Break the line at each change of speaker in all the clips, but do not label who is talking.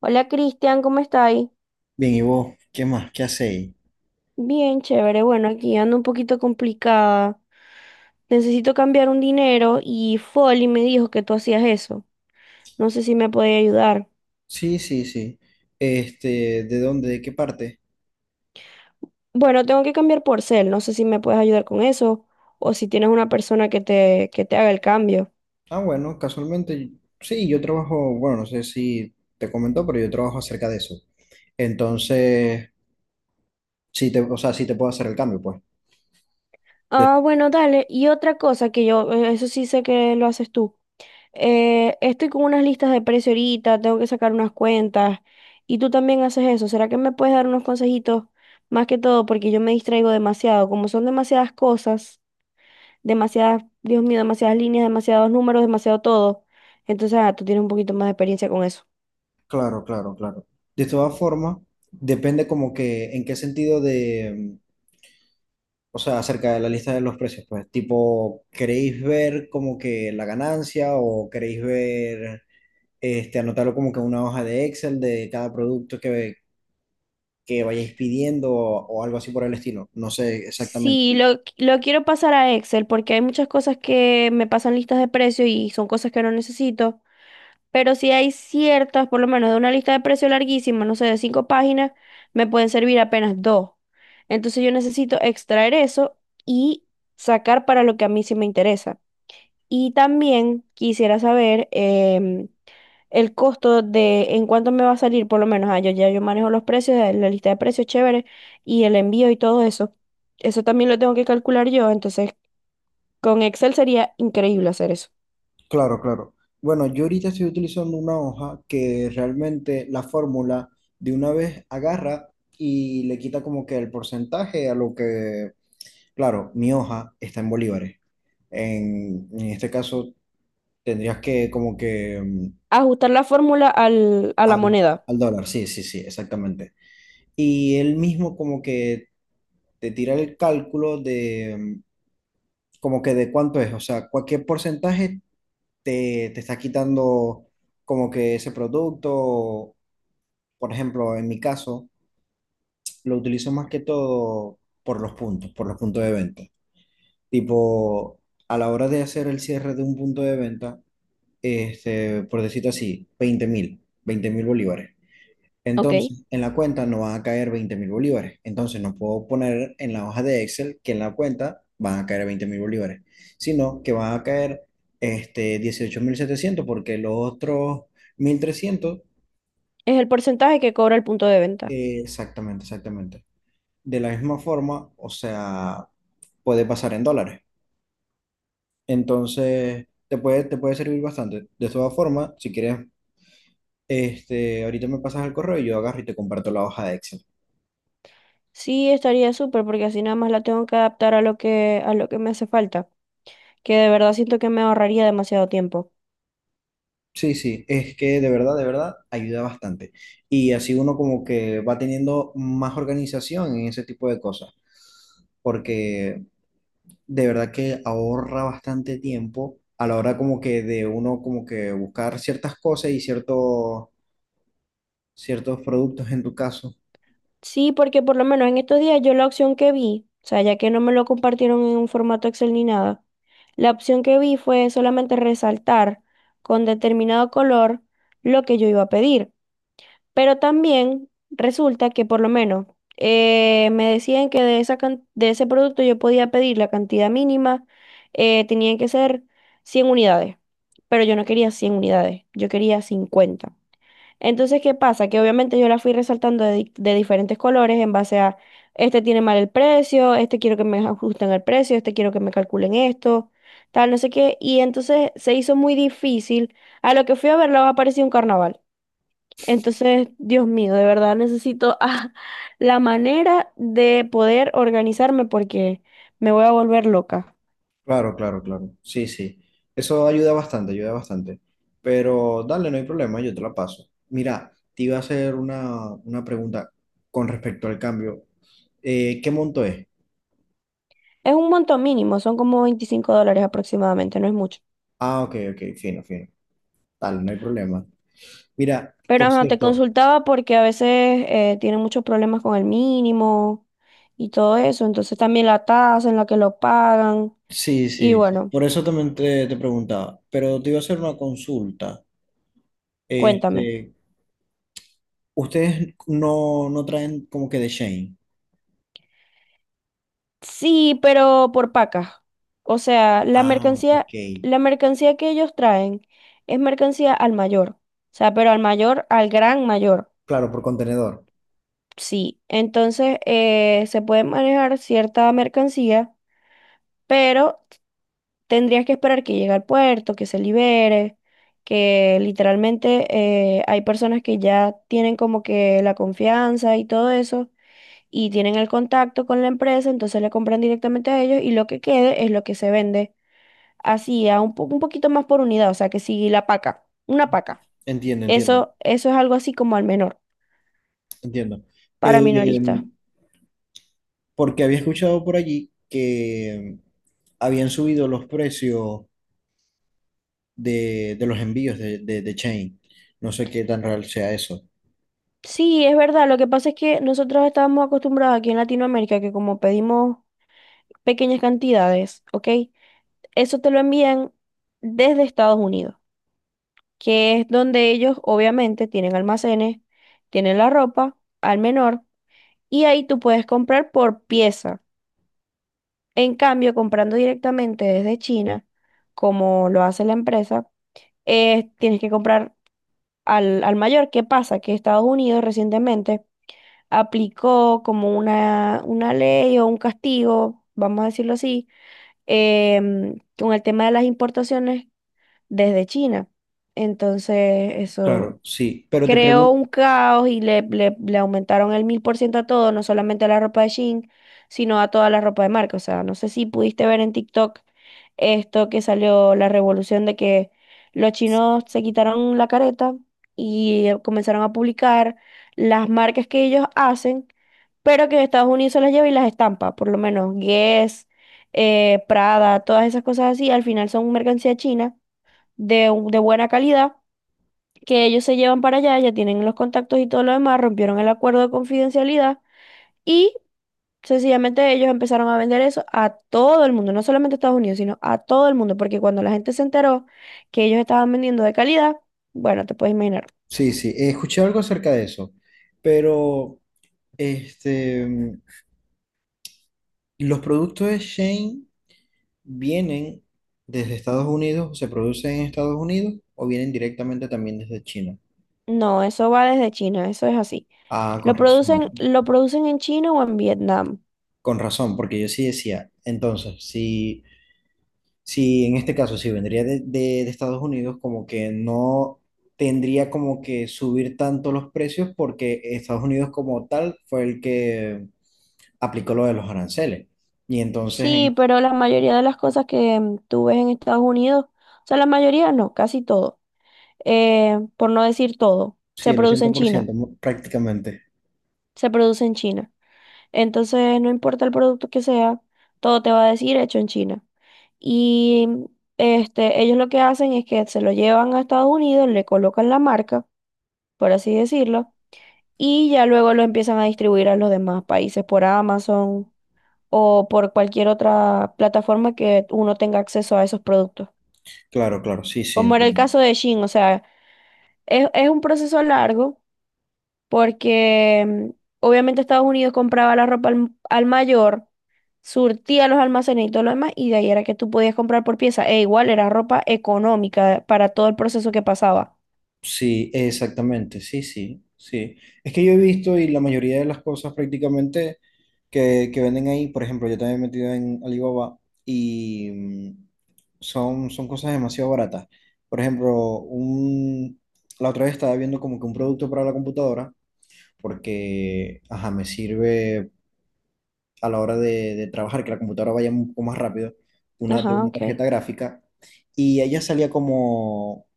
Hola Cristian, ¿cómo estáis?
Bien, ¿y vos? ¿Qué más? ¿Qué hacéis?
Bien, chévere. Bueno, aquí ando un poquito complicada. Necesito cambiar un dinero y Folly me dijo que tú hacías eso. No sé si me puedes ayudar.
Sí, sí, sí. Este, ¿de dónde? ¿De qué parte?
Bueno, tengo que cambiar por Zelle. No sé si me puedes ayudar con eso o si tienes una persona que te haga el cambio.
Ah, bueno, casualmente, sí, yo trabajo, bueno, no sé si te comentó, pero yo trabajo acerca de eso. Entonces, o sea, sí te puedo hacer el cambio, pues. De-
Ah, bueno, dale. Y otra cosa que yo, eso sí sé que lo haces tú. Estoy con unas listas de precio ahorita, tengo que sacar unas cuentas y tú también haces eso. ¿Será que me puedes dar unos consejitos más que todo? Porque yo me distraigo demasiado, como son demasiadas cosas, demasiadas, Dios mío, demasiadas líneas, demasiados números, demasiado todo. Entonces, tú tienes un poquito más de experiencia con eso.
claro, claro, claro. De todas formas, depende como que en qué sentido o sea, acerca de la lista de los precios, pues, tipo, ¿queréis ver como que la ganancia o queréis ver este, anotarlo como que en una hoja de Excel de cada producto que vayáis pidiendo o algo así por el estilo. No sé exactamente.
Sí, lo quiero pasar a Excel porque hay muchas cosas que me pasan listas de precio y son cosas que no necesito. Pero si hay ciertas, por lo menos de una lista de precios larguísima, no sé, de cinco páginas, me pueden servir apenas dos. Entonces yo necesito extraer eso y sacar para lo que a mí sí me interesa. Y también quisiera saber em, el costo de en cuánto me va a salir, por lo menos, yo ya yo manejo los precios, la lista de precios chévere y el envío y todo eso. Eso también lo tengo que calcular yo, entonces con Excel sería increíble hacer eso.
Claro, claro. Bueno, yo ahorita estoy utilizando una hoja que realmente la fórmula de una vez agarra y le quita como que el porcentaje a lo que, claro, mi hoja está en bolívares. En este caso tendrías que como que
Ajustar la fórmula al, a la
al,
moneda,
al dólar, sí, sí, sí, exactamente. Y él mismo como que te tira el cálculo de como que de cuánto es, o sea, cualquier porcentaje te está quitando como que ese producto, por ejemplo, en mi caso, lo utilizo más que todo por los puntos de venta. Tipo, a la hora de hacer el cierre de un punto de venta, este, por decirlo así, veinte mil bolívares.
¿ok?
Entonces, en la cuenta no van a caer 20.000 bolívares. Entonces, no puedo poner en la hoja de Excel que en la cuenta van a caer 20.000 bolívares, sino que van a caer este, 18.700 porque los otros 1.300,
Es el porcentaje que cobra el punto de venta.
exactamente, exactamente. De la misma forma, o sea, puede pasar en dólares. Entonces, te puede servir bastante. De todas formas, si quieres, este, ahorita me pasas el correo y yo agarro y te comparto la hoja de Excel.
Sí, estaría súper porque así nada más la tengo que adaptar a lo que me hace falta, que de verdad siento que me ahorraría demasiado tiempo.
Sí, sí, es que de verdad, ayuda bastante. Y así uno como que va teniendo más organización en ese tipo de cosas, porque de verdad que ahorra bastante tiempo a la hora como que de uno como que buscar ciertas cosas y ciertos productos en tu caso.
Sí, porque por lo menos en estos días yo la opción que vi, o sea, ya que no me lo compartieron en un formato Excel ni nada, la opción que vi fue solamente resaltar con determinado color lo que yo iba a pedir. Pero también resulta que por lo menos me decían que de esa de ese producto yo podía pedir la cantidad mínima, tenían que ser 100 unidades, pero yo no quería 100 unidades, yo quería 50. Entonces, ¿qué pasa? Que obviamente yo la fui resaltando de, de diferentes colores en base a, este tiene mal el precio, este quiero que me ajusten el precio, este quiero que me calculen esto, tal, no sé qué. Y entonces se hizo muy difícil. A lo que fui a verlo, apareció un carnaval. Entonces, Dios mío, de verdad necesito la manera de poder organizarme porque me voy a volver loca.
Claro, claro, claro. Sí, sí. Eso ayuda bastante, ayuda bastante. Pero dale, no hay problema, yo te la paso. Mira, te iba a hacer una pregunta con respecto al cambio. ¿Qué monto es?
Es un monto mínimo, son como $25 aproximadamente, no es mucho.
Ah, ok, ok, fino, fino. Tal, no hay problema. Mira,
Pero
por
ajá, te
cierto,
consultaba porque a veces tienen muchos problemas con el mínimo y todo eso. Entonces también la tasa en la que lo pagan.
sí,
Y
sí, sí.
bueno,
Por eso también te preguntaba, pero te iba a hacer una consulta.
cuéntame.
Este, ustedes no traen como que de Shane.
Sí, pero por pacas. O sea,
Ah, ok.
la mercancía que ellos traen es mercancía al mayor. O sea, pero al mayor, al gran mayor.
Claro, por contenedor.
Sí. Entonces, se puede manejar cierta mercancía, pero tendrías que esperar que llegue al puerto, que se libere, que literalmente hay personas que ya tienen como que la confianza y todo eso. Y tienen el contacto con la empresa, entonces le compran directamente a ellos y lo que quede es lo que se vende así, a un, un poquito más por unidad, o sea, que si la paca, una paca,
Entiendo, entiendo,
eso es algo así como al menor,
entiendo.
para
Eh,
minorista.
porque había escuchado por allí que habían subido los precios de los envíos de Chain. No sé qué tan real sea eso.
Sí, es verdad, lo que pasa es que nosotros estábamos acostumbrados aquí en Latinoamérica que como pedimos pequeñas cantidades, ¿ok? Eso te lo envían desde Estados Unidos, que es donde ellos obviamente tienen almacenes, tienen la ropa al menor y ahí tú puedes comprar por pieza. En cambio, comprando directamente desde China, como lo hace la empresa, tienes que comprar al mayor. ¿Qué pasa? Que Estados Unidos recientemente aplicó como una ley o un castigo, vamos a decirlo así, con el tema de las importaciones desde China. Entonces, eso
Claro, sí, pero te
creó
pregunto,
un caos y le aumentaron el 1000% a todo, no solamente a la ropa de Shein, sino a toda la ropa de marca. O sea, no sé si pudiste ver en TikTok esto que salió la revolución de que los chinos se quitaron la careta y comenzaron a publicar las marcas que ellos hacen, pero que Estados Unidos se las lleva y las estampa, por lo menos Guess, Prada, todas esas cosas así, al final son mercancía china de buena calidad que ellos se llevan para allá, ya tienen los contactos y todo lo demás, rompieron el acuerdo de confidencialidad y sencillamente ellos empezaron a vender eso a todo el mundo, no solamente a Estados Unidos, sino a todo el mundo, porque cuando la gente se enteró que ellos estaban vendiendo de calidad, bueno, te puedes imaginar.
sí, sí, escuché algo acerca de eso, pero este, los productos de Shane vienen desde Estados Unidos, se producen en Estados Unidos o vienen directamente también desde China.
No, eso va desde China, eso es así.
Ah,
Lo producen en China o en Vietnam.
con razón, porque yo sí decía, entonces, si en este caso, si vendría de Estados Unidos, como que no tendría como que subir tanto los precios porque Estados Unidos como tal fue el que aplicó lo de los aranceles. Y entonces,
Sí, pero la mayoría de las cosas que tú ves en Estados Unidos, o sea, la mayoría no, casi todo, por no decir todo,
sí,
se
el
produce en China.
80% prácticamente.
Se produce en China. Entonces, no importa el producto que sea, todo te va a decir hecho en China. Y este, ellos lo que hacen es que se lo llevan a Estados Unidos, le colocan la marca, por así decirlo, y ya luego lo empiezan a distribuir a los demás países por Amazon o por cualquier otra plataforma que uno tenga acceso a esos productos.
Claro, claro, sí, sí,
Como era el
entiendo.
caso de Shein, o sea, es un proceso largo porque obviamente Estados Unidos compraba la ropa al mayor surtía los almacenes y todo lo demás, y de ahí era que tú podías comprar por pieza. E igual era ropa económica para todo el proceso que pasaba.
Sí, exactamente, sí, sí, sí. Es que yo he visto y la mayoría de las cosas prácticamente que venden ahí, por ejemplo, yo también he metido en Alibaba y son cosas demasiado baratas. Por ejemplo, la otra vez estaba viendo como que un producto para la computadora, porque, ajá, me sirve a la hora de trabajar, que la computadora vaya un poco más rápido, una de
Ajá,
una
ok.
tarjeta gráfica, y ella salía como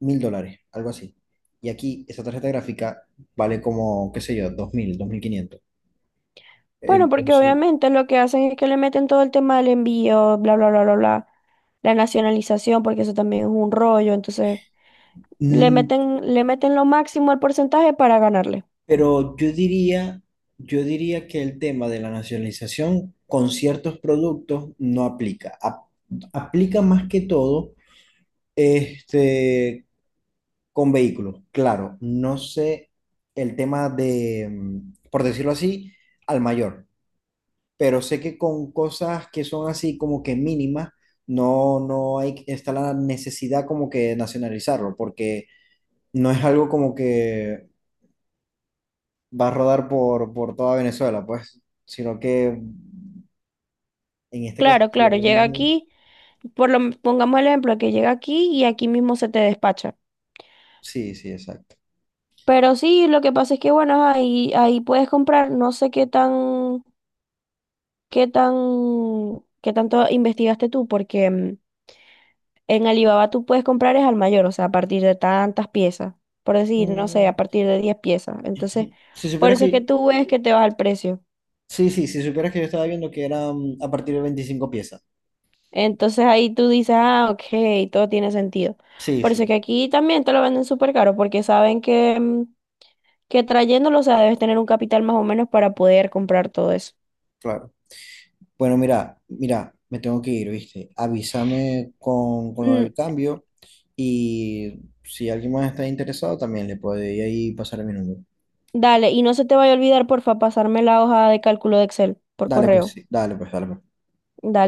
1.000 dólares, algo así. Y aquí esa tarjeta gráfica vale como, qué sé yo, 2.000, 2.500.
Bueno, porque
Entonces,
obviamente lo que hacen es que le meten todo el tema del envío, bla, bla, bla, bla, bla, la nacionalización, porque eso también es un rollo, entonces
mm,
le meten lo máximo al porcentaje para ganarle.
pero yo diría que el tema de la nacionalización con ciertos productos no aplica. Aplica más que todo este, con vehículos. Claro, no sé el tema de, por decirlo así, al mayor. Pero sé que con cosas que son así como que mínimas, no hay, está la necesidad como que de nacionalizarlo, porque no es algo como que va a rodar por toda Venezuela, pues, sino que en este caso
Claro,
sí
claro, llega
hablamos.
aquí, por lo, pongamos el ejemplo, que llega aquí y aquí mismo se te despacha.
Sí, sí, exacto.
Pero sí, lo que pasa es que, bueno, ahí puedes comprar, no sé qué tan ¿Qué tan, qué tanto investigaste tú? Porque en Alibaba tú puedes comprar es al mayor, o sea, a partir de tantas piezas, por decir, no sé, a
Mm,
partir de 10 piezas. Entonces,
si
por
supieras
eso es que
que...
tú ves que te vas al precio.
Sí, sí, si supieras que yo estaba viendo que eran a partir de 25 piezas.
Entonces ahí tú dices, ah, ok, todo tiene sentido.
Sí,
Por eso es
sí,
que aquí también te lo venden súper caro, porque saben que, que trayéndolo, o sea, debes tener un capital más o menos para poder comprar todo eso.
claro. Bueno, mira, mira, me tengo que ir, ¿viste? Avísame con lo del
Mm,
cambio y si alguien más está interesado, también le puede ahí pasar mi número.
dale, y no se te vaya a olvidar, porfa, pasarme la hoja de cálculo de Excel por
Dale, pues,
correo.
sí, dale, pues, dale, pues.
Dale.